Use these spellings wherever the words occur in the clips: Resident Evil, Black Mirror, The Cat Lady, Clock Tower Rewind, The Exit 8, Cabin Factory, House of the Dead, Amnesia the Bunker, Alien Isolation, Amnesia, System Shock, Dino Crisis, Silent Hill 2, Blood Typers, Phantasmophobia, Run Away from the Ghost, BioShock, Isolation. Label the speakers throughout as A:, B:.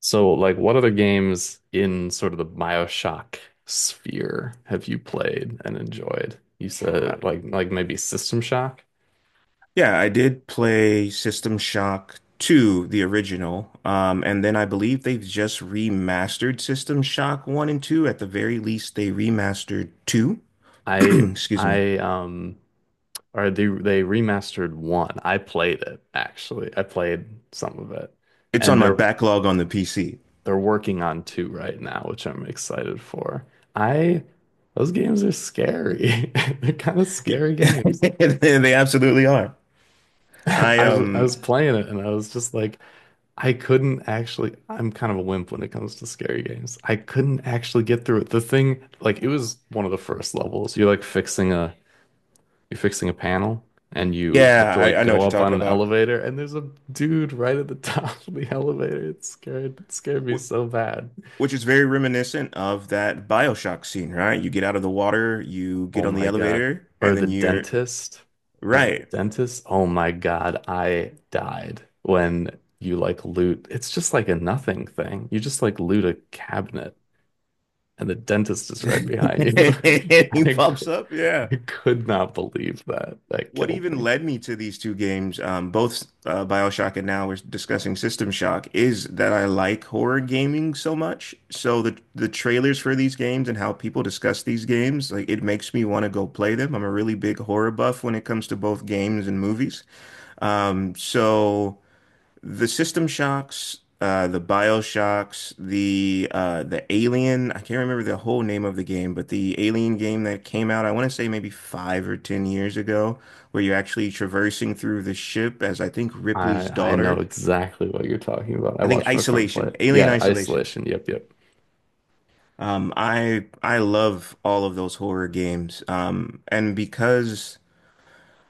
A: So, like, what other games in sort of the BioShock sphere have you played and enjoyed? You
B: Uh,
A: said like maybe System Shock.
B: Yeah, I did play System Shock 2, the original. And then I believe they've just remastered System Shock 1 and 2. At the very least, they remastered 2.
A: I
B: Excuse me.
A: I or they remastered one. I played it actually. I played some of it,
B: It's
A: and
B: on my
A: they're
B: backlog on the PC.
A: they're working on two right now, which I'm excited for. I those games are scary. They're kind of scary games.
B: They absolutely are. I
A: I was playing it and I was just like. I couldn't actually, I'm kind of a wimp when it comes to scary games. I couldn't actually get through it. The thing, like, it was one of the first levels. You're fixing a panel and you have
B: yeah,
A: to like
B: I, I know what
A: go
B: you're
A: up on
B: talking
A: an
B: about.
A: elevator and there's a dude right at the top of the elevator. It scared me
B: Wh-
A: so bad.
B: Which is very reminiscent of that BioShock scene, right? You get out of the water, you
A: Oh
B: get on the
A: my God.
B: elevator,
A: Or
B: and
A: the
B: then you're
A: dentist. Was it the
B: right.
A: dentist? Oh my God. I died when you like loot. It's just like a nothing thing. You just like loot a cabinet and the dentist is right behind you.
B: He
A: I,
B: pops
A: cou-
B: up. Yeah.
A: I could not believe that. That
B: What
A: killed
B: even
A: me.
B: led me to these two games, both BioShock and now we're discussing System Shock, is that I like horror gaming so much. So the trailers for these games and how people discuss these games, like it makes me want to go play them. I'm a really big horror buff when it comes to both games and movies. So the System Shocks, the BioShocks, the Alien. I can't remember the whole name of the game, but the Alien game that came out, I want to say maybe 5 or 10 years ago, where you're actually traversing through the ship as I think Ripley's
A: I know
B: daughter.
A: exactly what you're talking about. I
B: I think
A: watched my friend play
B: Isolation,
A: it.
B: Alien
A: Yeah,
B: Isolation.
A: Isolation. Yep, yep.
B: I love all of those horror games, and because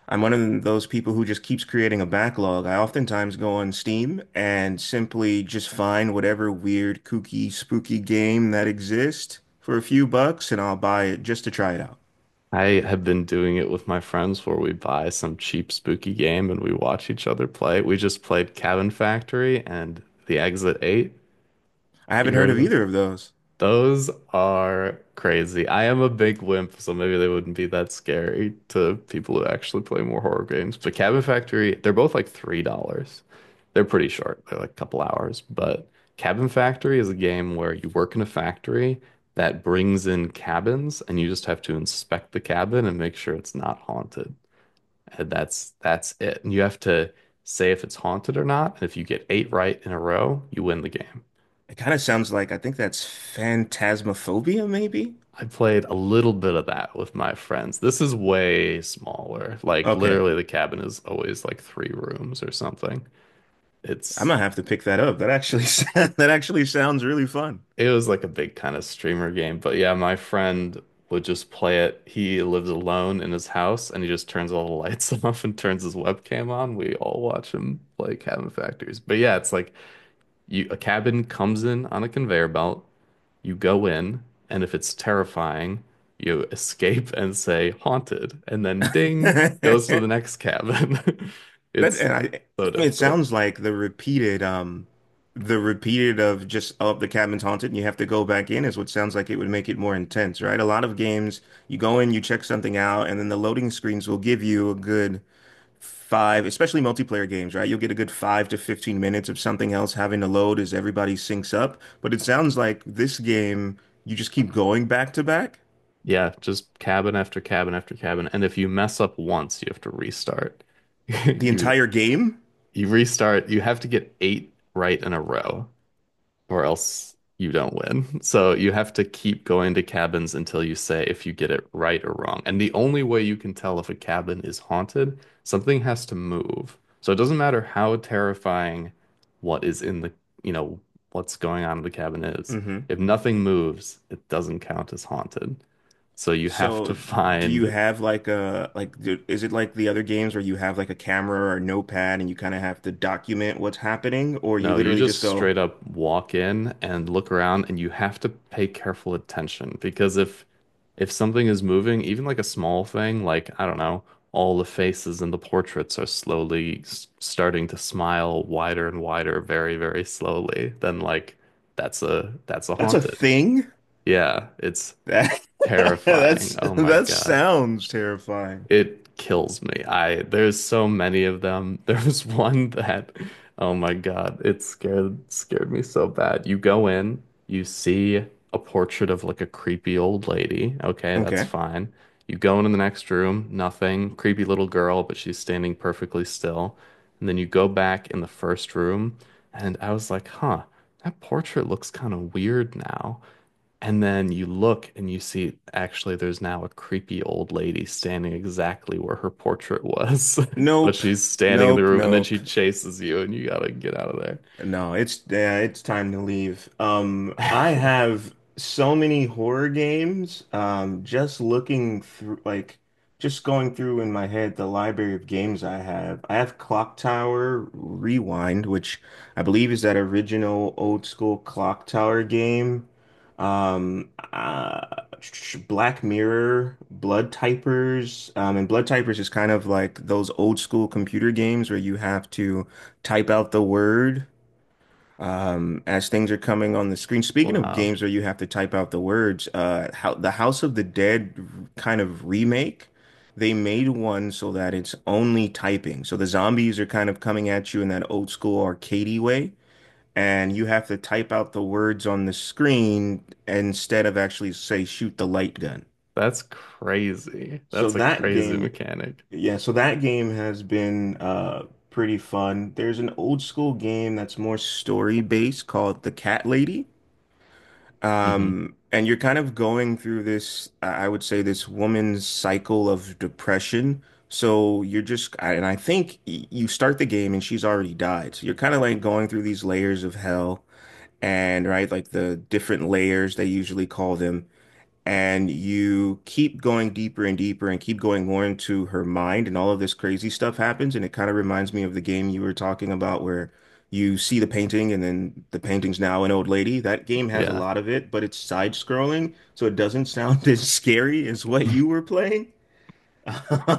B: I'm one of those people who just keeps creating a backlog. I oftentimes go on Steam and simply just find whatever weird, kooky, spooky game that exists for a few bucks and I'll buy it just to try it out.
A: I have been doing it with my friends where we buy some cheap spooky game and we watch each other play. We just played Cabin Factory and The Exit 8.
B: I
A: You
B: haven't
A: heard
B: heard
A: of
B: of
A: this?
B: either of those.
A: Those are crazy. I am a big wimp, so maybe they wouldn't be that scary to people who actually play more horror games. But Cabin Factory, they're both like $3. They're pretty short. They're like a couple hours. But Cabin Factory is a game where you work in a factory that brings in cabins and you just have to inspect the cabin and make sure it's not haunted. And that's it. And you have to say if it's haunted or not. And if you get eight right in a row, you win the game.
B: It kind of sounds like I think that's phantasmophobia, maybe?
A: I played a little bit of that with my friends. This is way smaller. Like
B: Okay.
A: literally the cabin is always like three rooms or something.
B: I'm
A: It's
B: gonna have to pick that up. That actually that actually sounds really fun.
A: it was like a big kind of streamer game, but yeah, my friend would just play it. He lives alone in his house and he just turns all the lights off and turns his webcam on. We all watch him play Cabin Factories. But yeah, it's like you a cabin comes in on a conveyor belt. You go in, and if it's terrifying, you escape and say haunted, and then ding goes to the next cabin.
B: That
A: It's
B: and I,
A: so
B: it
A: difficult.
B: sounds like the repeated of just oh the cabin's haunted and you have to go back in is what sounds like it would make it more intense, right? A lot of games, you go in, you check something out, and then the loading screens will give you a good five, especially multiplayer games, right? You'll get a good five to 15 minutes of something else having to load as everybody syncs up. But it sounds like this game, you just keep going back to back
A: Yeah, just cabin after cabin after cabin. And if you mess up once, you have to restart.
B: the
A: You
B: entire game.
A: you restart, you have to get eight right in a row, or else you don't win. So you have to keep going to cabins until you say if you get it right or wrong. And the only way you can tell if a cabin is haunted, something has to move. So it doesn't matter how terrifying what is in the, you know, what's going on in the cabin is.
B: Mm-hmm.
A: If nothing moves, it doesn't count as haunted. So you have to
B: So, do you
A: find
B: have like a like do, is it like the other games where you have like a camera or a notepad and you kind of have to document what's happening, or you
A: No, you
B: literally just
A: just
B: go,
A: straight up walk in and look around and you have to pay careful attention because if something is moving, even like a small thing, like I don't know, all the faces in the portraits are slowly s starting to smile wider and wider very, very slowly, then like that's a
B: "That's a
A: haunted.
B: thing?
A: Yeah, it's
B: That that's
A: terrifying. Oh my
B: that
A: God.
B: sounds terrifying."
A: It kills me. I there's so many of them. There was one that, oh my God, it scared scared me so bad. You go in, you see a portrait of like a creepy old lady. Okay, that's
B: Okay.
A: fine. You go into the next room, nothing. Creepy little girl, but she's standing perfectly still. And then you go back in the first room, and I was like, huh, that portrait looks kind of weird now. And then you look and you see actually there's now a creepy old lady standing exactly where her portrait was. But
B: Nope.
A: she's standing in the
B: Nope.
A: room and then
B: Nope.
A: she chases you and you gotta get out of there.
B: No, it's yeah, it's time to leave. I have so many horror games. Just looking through, like, just going through in my head the library of games I have. I have Clock Tower Rewind, which I believe is that original old school Clock Tower game. Um, uh, Black Mirror, Blood Typers, and Blood Typers is kind of like those old school computer games where you have to type out the word as things are coming on the screen. Speaking of
A: Wow.
B: games where you have to type out the words, how the House of the Dead kind of remake, they made one so that it's only typing. So the zombies are kind of coming at you in that old school arcadey way, and you have to type out the words on the screen instead of actually say shoot the light gun.
A: That's crazy.
B: So
A: That's a
B: that
A: crazy
B: game,
A: mechanic.
B: yeah, so that game has been pretty fun. There's an old school game that's more story based called The Cat Lady.
A: hmm
B: And you're kind of going through this, I would say, this woman's cycle of depression. So you're just, and I think you start the game and she's already died. So you're kind of like going through these layers of hell and right, like the different layers they usually call them, and you keep going deeper and deeper and keep going more into her mind and all of this crazy stuff happens and it kind of reminds me of the game you were talking about where you see the painting and then the painting's now an old lady. That game has a
A: Yeah.
B: lot of it, but it's side scrolling, so it doesn't sound as scary as what you were playing.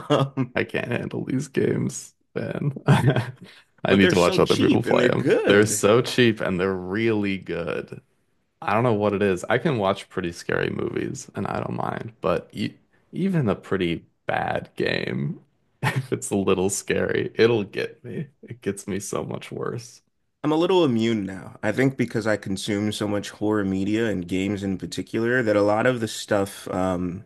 B: Um,
A: I can't handle these games, man. I
B: but
A: need
B: they're
A: to watch
B: so
A: other people
B: cheap and
A: play
B: they're
A: them. They're
B: good.
A: so cheap and they're really good. I don't know what it is. I can watch pretty scary movies and I don't mind, but e even a pretty bad game, if it's a little scary, it'll get me. It gets me so much worse.
B: I'm a little immune now. I think because I consume so much horror media and games in particular that a lot of the stuff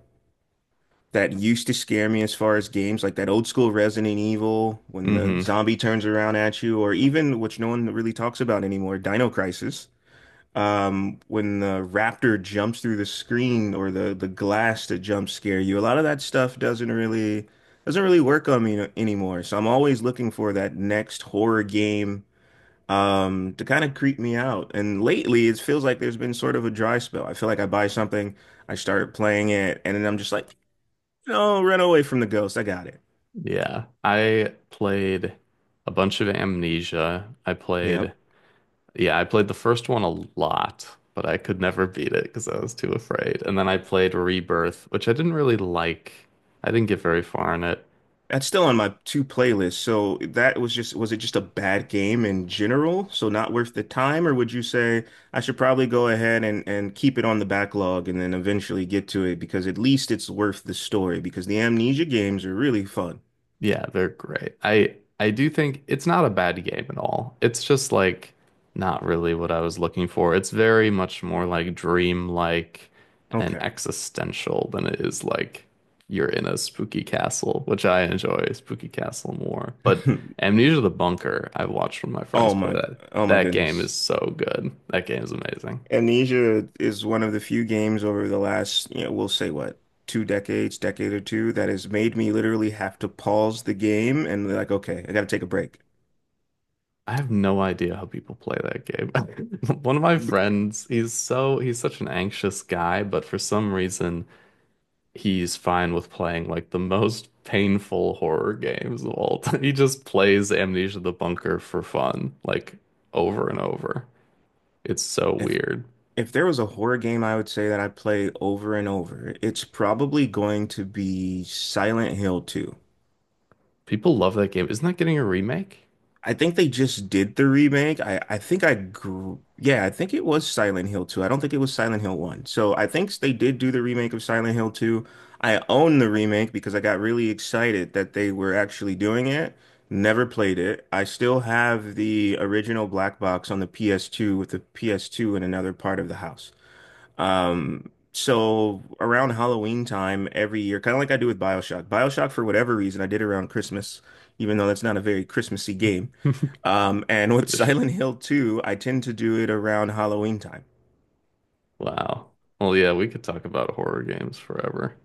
B: that used to scare me as far as games, like that old school Resident Evil when the
A: hmm
B: zombie turns around at you, or even which no one really talks about anymore, Dino Crisis. When the raptor jumps through the screen or the glass to jump scare you, a lot of that stuff doesn't really work on me anymore. So I'm always looking for that next horror game to kind of creep me out. And lately, it feels like there's been sort of a dry spell. I feel like I buy something, I start playing it, and then I'm just like, no, Run Away from the Ghost. I got it.
A: Yeah. I played a bunch of Amnesia. I played,
B: Yep.
A: yeah, I played the first one a lot, but I could never beat it because I was too afraid. And then I played Rebirth, which I didn't really like. I didn't get very far in it.
B: That's still on my two playlists. So that was just, was it just a bad game in general? So not worth the time, or would you say I should probably go ahead and keep it on the backlog and then eventually get to it because at least it's worth the story because the Amnesia games are really fun.
A: Yeah, they're great. I do think it's not a bad game at all. It's just like not really what I was looking for. It's very much more like dream-like and
B: Okay.
A: existential than it is like you're in a spooky castle, which I enjoy spooky castle more. But Amnesia the Bunker, I watched one of my friends
B: Oh
A: play
B: my,
A: that.
B: oh my
A: That game is
B: goodness.
A: so good. That game is amazing.
B: Amnesia is one of the few games over the last, you know, we'll say what, two decades, decade or two, that has made me literally have to pause the game and be like, okay, I gotta take a break.
A: I have no idea how people play that game. One of my friends, he's such an anxious guy, but for some reason he's fine with playing like the most painful horror games of all time. He just plays Amnesia the Bunker for fun, like over and over. It's so
B: If
A: weird.
B: if there was a horror game I would say that I play over and over, it's probably going to be Silent Hill 2.
A: People love that game. Isn't that getting a remake?
B: I think they just did the remake. I think I grew, yeah, I think it was Silent Hill 2. I don't think it was Silent Hill 1. So I think they did do the remake of Silent Hill 2. I own the remake because I got really excited that they were actually doing it. Never played it. I still have the original black box on the PS2 with the PS2 in another part of the house. So around Halloween time every year, kind of like I do with BioShock. BioShock, for whatever reason, I did around Christmas, even though that's not a very Christmassy game. And with
A: Tradition.
B: Silent Hill 2, I tend to do it around Halloween time.
A: Wow. Well, yeah, we could talk about horror games forever.